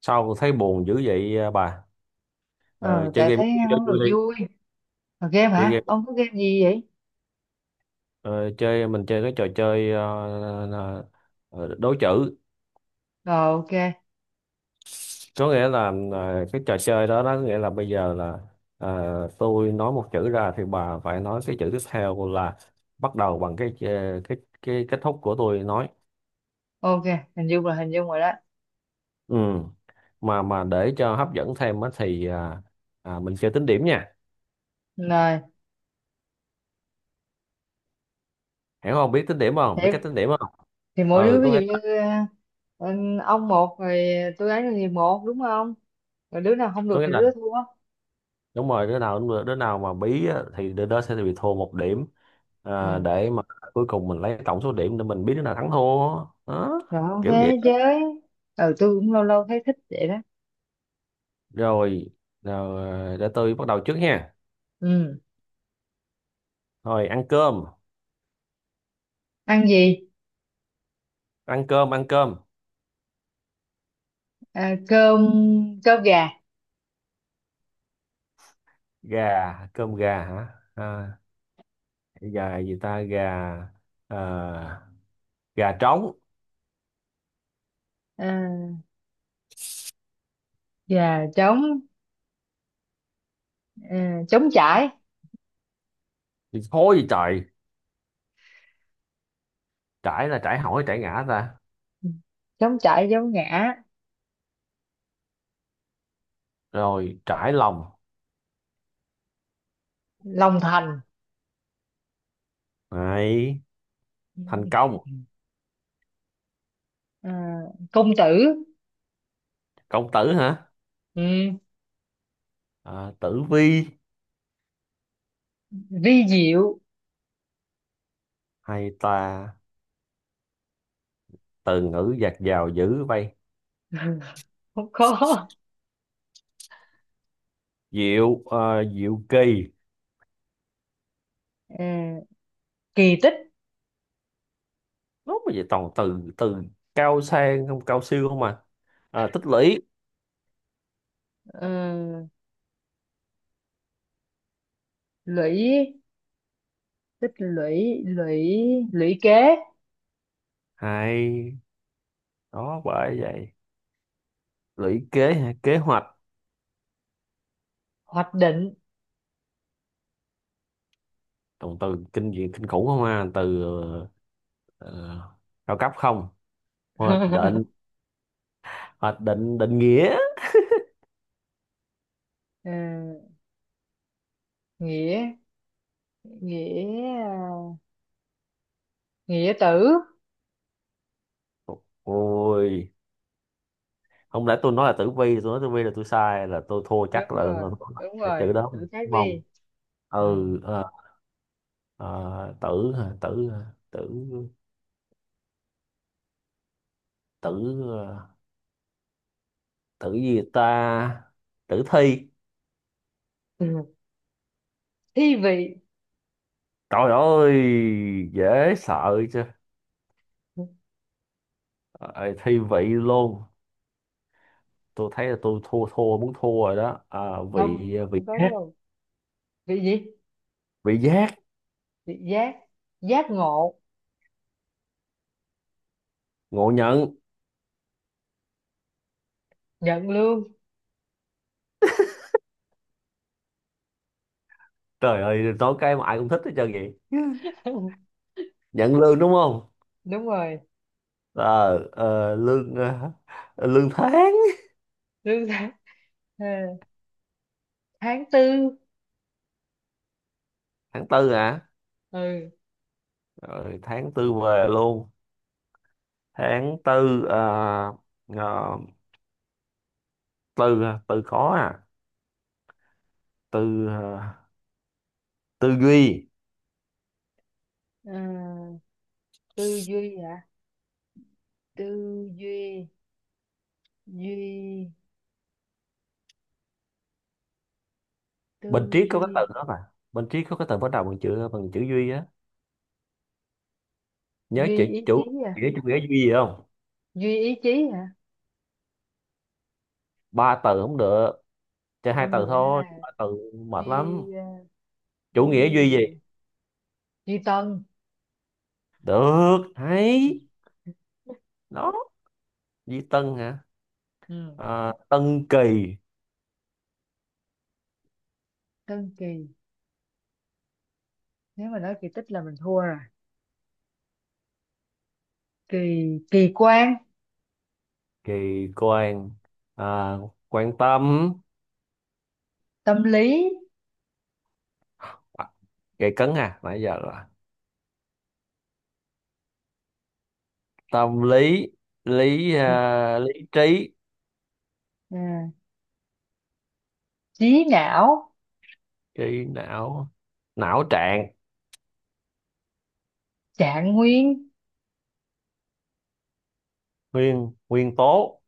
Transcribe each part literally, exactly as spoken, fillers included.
Sao thấy buồn dữ vậy à, bà? Ờ, Ờ, chơi tại game, thấy chơi không vui được đi. vui. Ờ, game Chơi hả? game, Ông có game gì vậy? ờ, chơi mình chơi cái trò chơi ờ, ờ, đố chữ. Rồi, ok Có nghĩa là ờ, cái trò chơi đó đó, nghĩa là bây giờ là, ờ, tôi nói một chữ ra thì bà phải nói cái chữ tiếp theo là bắt đầu bằng cái ờ, cái cái kết thúc của tôi nói. ok. Hình dung là hình dung rồi đó. Ừ. mà mà để cho hấp dẫn thêm á thì à, à, mình chơi tính điểm nha. Rồi Hiểu không, biết tính điểm không, biết cách thì, tính điểm không? thì mỗi đứa Ừ, có ví dụ nghĩa là, như ờ, ông một rồi, tôi ấy thì một đúng không, rồi đứa nào không có được nghĩa thì là đứa thua. đúng rồi, đứa nào cũng đứa nào mà bí á thì đứa đó sẽ bị thua một điểm. À, Ừ, để mà cuối cùng mình lấy tổng số điểm để mình biết đứa nào thắng thua. Đó, rồi ok. kiểu vậy. Chơi. Ừ, tôi cũng lâu lâu thấy thích vậy đó. Rồi, rồi để tôi bắt đầu trước nha. Ừ. Rồi, ăn cơm. Ăn gì? Ăn cơm, ăn cơm À, cơm. Cơm gà. gà. Cơm gà hả? À, gà gì ta, gà. À, gà trống. À, gà trống. À, trống chải. Thì thôi gì trời, trải là trải hỏi, trải ngã ta. Ừ, trống chải giống ngã. Rồi, trải lòng. Lòng thành. Này, thành công. Ừ. à, Công tử. Công tử hả? Ừ, À, tử vi. vi diệu. Hay ta, từ ngữ dạt dào dữ vậy. Không có. Diệu, ờ, diệu kỳ. Ờ, kỳ tích. Nó mà vậy toàn từ từ cao sang không, cao siêu không mà. Ờ, tích lũy. ờ, Lũy. Tích lũy lũy. Lũy kế Hay đó, bởi vậy. Lũy kế hả? Kế hoạch. hoạch định. Toàn từ kinh dị kinh khủng không, à từ ờ, cao cấp không. Hoạch định. Hoạch định, định nghĩa. Ờ, nghĩa. Nghĩa. Nghĩa tử. Ôi, không lẽ tôi nói là tử vi, tôi nói tử vi là tôi sai, là tôi thua chắc, Đúng là, là, rồi. là Đúng là chữ rồi, đó tử khác đúng không? đi. Ừ. Ừ. Ờ. Ờ, tử hả? Tử, tử, tử. Ờ, tử gì ta? Tử thi. Ừ. Thi vị. Trời ơi, dễ sợ chứ. Ờ, thi vị luôn. Tôi thấy là tôi thua, thua muốn thua rồi đó. À, Không, vị. Ờ, vị không có giác. đâu. Vị gì? Vị giác, Vị giác. Giác ngộ. ngộ nhận. Nhận lương. Trời ơi, nói cái mà ai cũng thích hết trơn vậy. Nhận lương đúng không? Đúng rồi. ờ ờ, Lương, ờ, lương tháng. Lương tháng. Tháng tư. Tháng tư hả? Ừ. Rồi, tháng tư về luôn. Tháng tư, à, à, từ, à, từ khó. à từ à, Tư duy. Ờ, tư duy à. Tư duy. Duy. Bên Tư. triết có cái Duy. từ đó, mà bên triết có cái từ bắt đầu bằng chữ, bằng chữ duy á. Nhớ Duy chữ ý chí chủ à. nghĩa, chủ nghĩa duy gì không? Duy ý chí hả? Ba từ không được, chơi hai Không từ được cái thôi, hai à. ba từ mệt lắm. Duy ờ, Chủ nghĩa duy duy gì? gì rồi? Duy tân. Được, hay đó. Duy tân hả? Ừ. À, tân kỳ. Tân kỳ. Nếu mà nói kỳ tích là mình thua rồi. Kỳ. Kỳ quan Kỳ quan. À, quan tâm. tâm lý. À, kỳ cấn à, nãy giờ là tâm lý. Lý, Ừ. à, lý trí. À, trí não Kỳ não, não trạng. trạng nguyên Nguyên, nguyên tố.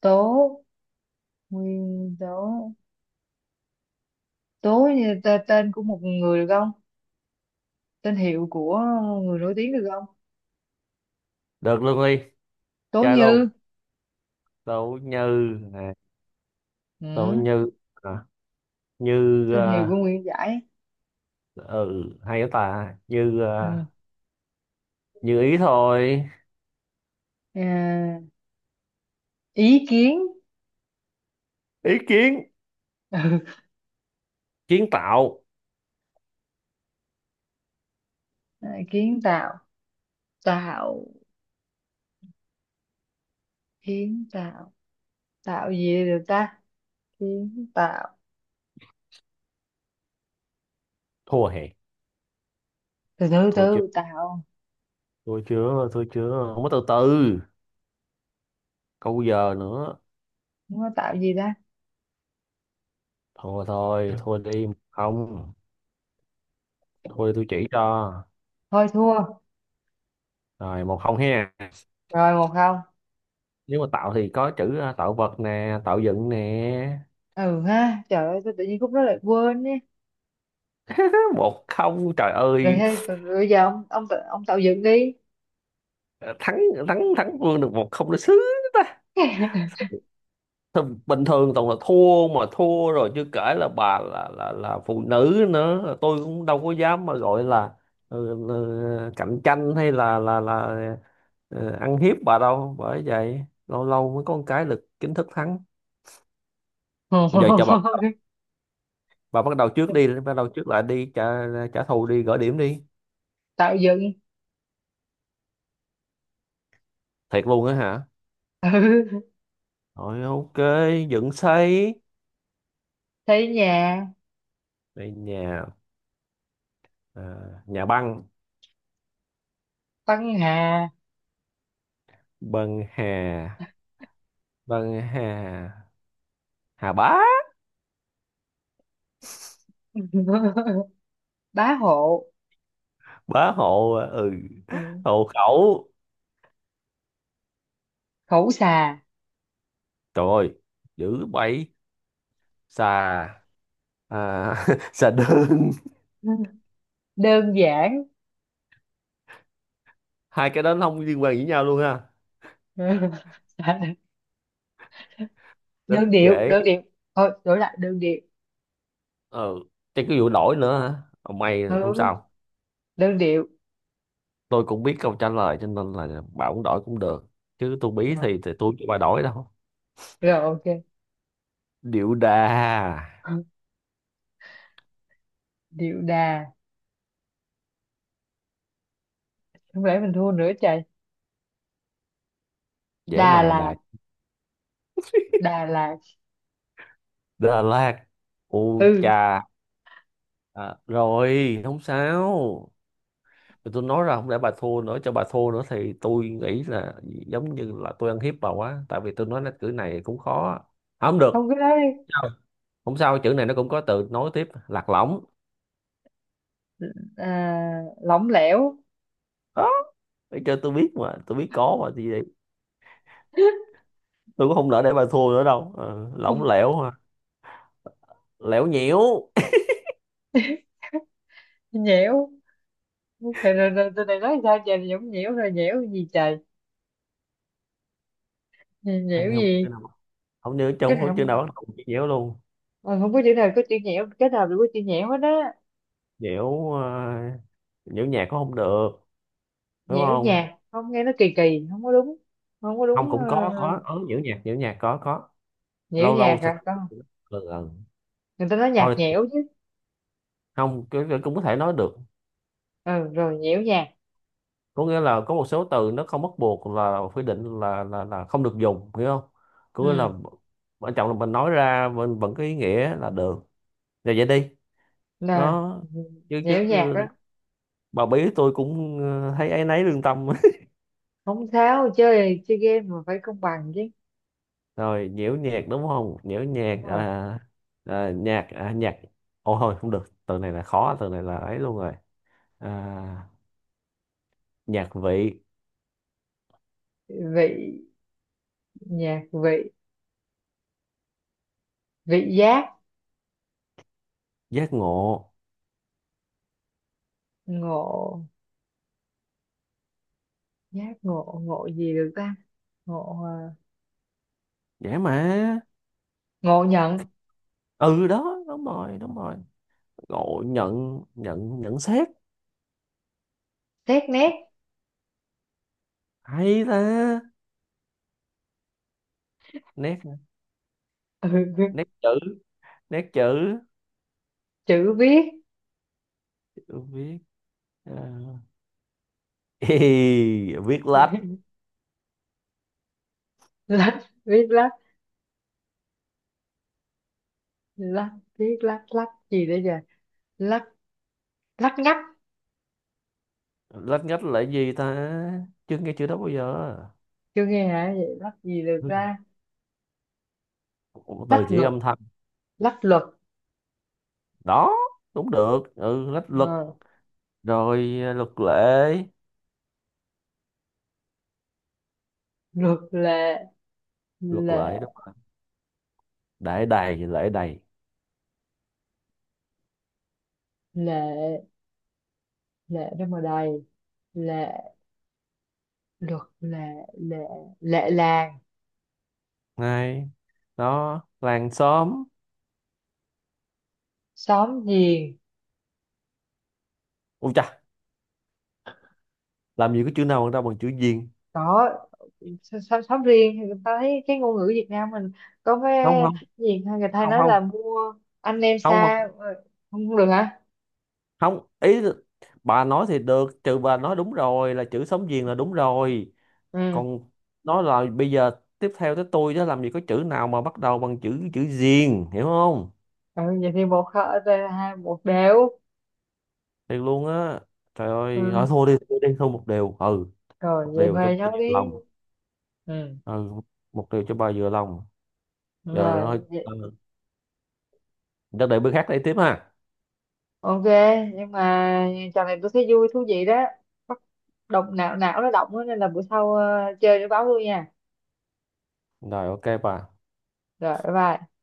tố. Nguyên tố. Tố như t- tên của một người được không? Tên hiệu của người nổi tiếng được không? Được luôn đi, Tố chơi Như. luôn. Đỗ Như. À, Đỗ Ừ. Như. À, như. Tên hiệu à, của Nguyễn Giải. Ừ, hay quá ta. Như, Ừ. à, như ý thôi. À, ý kiến. Ý kiến. Ừ. Kiến tạo. À, kiến tạo. Tạo. Kiến tạo. Tạo gì được ta? Kiến tạo. Thua hè. Từ từ Thua chưa, từ. Tạo. thua chưa, thua chưa, không có từ từ câu giờ nữa. Không có tạo gì ta? Thua thôi, thua đi không, thua đi tôi chỉ cho. Thôi thua. Rồi một không ha. Rồi một không. Nếu mà tạo thì có chữ, à, tạo vật nè, tạo dựng nè. Ừ ha. Trời ơi, tôi tự nhiên khúc đó lại quên nhé. Một không trời Rồi ơi. hay, bây giờ ông, ông, tự- ông tạo dựng đi. Ờ, thắng, thắng thắng Vương được một không nó sướng ta. Thôi, bình thường toàn là thua, mà thua rồi, chưa kể là bà là là là phụ nữ nữa, tôi cũng đâu có dám mà gọi là, ừ, là cạnh tranh hay là là là ờ, ăn hiếp bà đâu, bởi vậy lâu lâu mới có một cái được chính thức thắng. Giờ cho bà bà bắt đầu trước đi, bắt đầu trước lại đi, trả, trả thù đi, gỡ điểm đi. Tạo dựng. Thiệt luôn á hả? Ừ. Rồi, ok. Dựng xây. Thấy nhà. Đây nhà. À, nhà băng. Tăng Hà. Băng hà. Vâng, hà. Hà bá. Bá hộ. Bá hộ. Ừ, Ừ. hộ khẩu. Khẩu xà Trời ơi dữ bậy. Xà, à, xà đơn. đơn giản. Hai cái đó nó không liên quan gì với nhau luôn ha. Ừ. Rất đơn điệu dễ. đơn điệu thôi đổi lại đơn điệu. Ừ, chắc cái vụ đổi nữa hả? Ông may là không Ừ. sao. Đơn điệu. Tôi cũng biết câu trả lời cho nên là bà cũng đổi cũng được, chứ tôi bí Đó. thì thì tôi cho bà đổi đâu. Rồi Điệu đà. ok. Điệu đà. Không lẽ mình thua nữa trời. Dễ đà mà, là đà. đà là Đà Lạt. U Ừ, chà. À, rồi không sao. Thì tôi nói ra không lẽ bà thua nữa, cho bà thua nữa thì tôi nghĩ là giống như là tôi ăn hiếp bà quá, tại vì tôi nói cái chữ này cũng khó. À, không không được. cái đó đi. Sao? Không sao, chữ này nó cũng có từ nối tiếp. Lạc lõng. À, lỏng lẻo. Đó, để cho tôi biết mà, tôi biết có mà, thì vậy. Tôi cũng không nỡ để bà thua nữa đâu. Ờ, lỏng lẻo ha. Lẻo, nhiễu. Nhẽo. Trời, rồi, rồi, từ này nói sao trời. Nhõng nhẽo, rồi nhẽo gì trời. Hình Nhẽo như không gì? chữ nào, không nhớ, Cái trong nào không chữ nào không, bắt đầu chữ nhiễu luôn. ờ, không có chữ nào có chữ nhẽo, cái nào đều có chữ nhẽo hết á. Nhiễu, ờ, nhiễu nhạc cũng không được. Đúng Nhiễu không? nhạc không, nghe nó kỳ kỳ không có đúng. Không có Không, đúng. cũng ờ, có có ừ, nhiễu nhạc, nhiễu nhạc có có. Nhiễu Lâu lâu nhạc sao à ta- con. ừ, ừ. Người ta nói nhạc Thôi, nhẽo chứ. không, cái, cái cũng có thể nói được. Ừ rồi, nhiễu nhạc. Có nghĩa là có một số từ nó không bắt buộc là quy định là là là không được dùng, hiểu không? Có nghĩa là Ừ quan trọng là mình nói ra mình vẫn có ý nghĩa là được. Rồi, vậy đi. rồi Nó, chứ chứ nhiễu nhạc đó. bà bí tôi cũng ờ, thấy áy náy lương tâm. Không tháo, chơi chơi game mà phải công bằng chứ. Rồi, nhiễu nhạc đúng không? Nhiễu Đúng nhạc. À, rồi. à, nhạc. À, nhạc ôi thôi không được, từ này là khó, từ này là ấy luôn rồi. À, nhạc vị. Vị. Nhạc vị. Vị giác. Giác ngộ. Ngộ. Giác ngộ. Ngộ gì được ta? Ngộ ờ, Dễ mà. ngộ nhận Ừ đó, đúng rồi, đúng rồi. Ngộ nhận. Nhận, nhận xét. xét nét. Hay ta. Nét. Ừ. Nét chữ. Nét chữ Chữ viết. viết. À. Ê, viết lách. Lách viết lách. Lách. Viết lách. Lách gì đấy giờ. Lách. Lách ngắt. Lách nhất là gì ta? Chưa nghe chữ đó bao giờ. Chưa nghe hả? Vậy lách gì được Ừ. ra. Một Lách từ chỉ luật. âm thanh. Lách luật. Đó, cũng được, ừ lách luật. Ờ, Rồi, à, luật lệ. luật lệ. Luật lệ Lệ. đúng rồi. Đại đầy lễ đầy. Lệ. Lệ đâu mà đầy. Lệ. Luật lệ. Lệ. Lệ làng. Này đó, làng xóm. Xóm giềng. Ui chà, làm gì có chữ nào ra bằng chữ viền. Có. Xóm, xóm xóm riêng thì thấy cái ngôn ngữ Việt Nam mình có Không, cái không, gì người ta hay không, nói là không, mua anh em không. xa ờ, không. Không được hả? Không ý, bà nói thì được, trừ bà nói đúng rồi, là chữ sống viền là đúng rồi. Ừ. Còn nó là bây giờ, tiếp theo tới tôi đó, làm gì có chữ nào mà bắt đầu bằng chữ, chữ viền, hiểu không? Ừ, vậy thì một kho- hai một đều. Thiệt luôn á, trời ơi. À, Ừ. thôi thua đi, thua đi, thua một điều ừ. Rồi Một vậy điều cho bà Huệ nhau vừa đi. lòng. Ừ Ừ, một điều cho bà vừa lòng. Giờ rồi thôi ừ, cho đợi bữa khác đây tiếp ha. ok. Nhưng mà trò này tôi thấy vui thú vị đó. Bắt động não, não nó động á, nên là bữa sau ờ, chơi nó báo tôi nha. Rồi, ok bà. Rồi bye bye.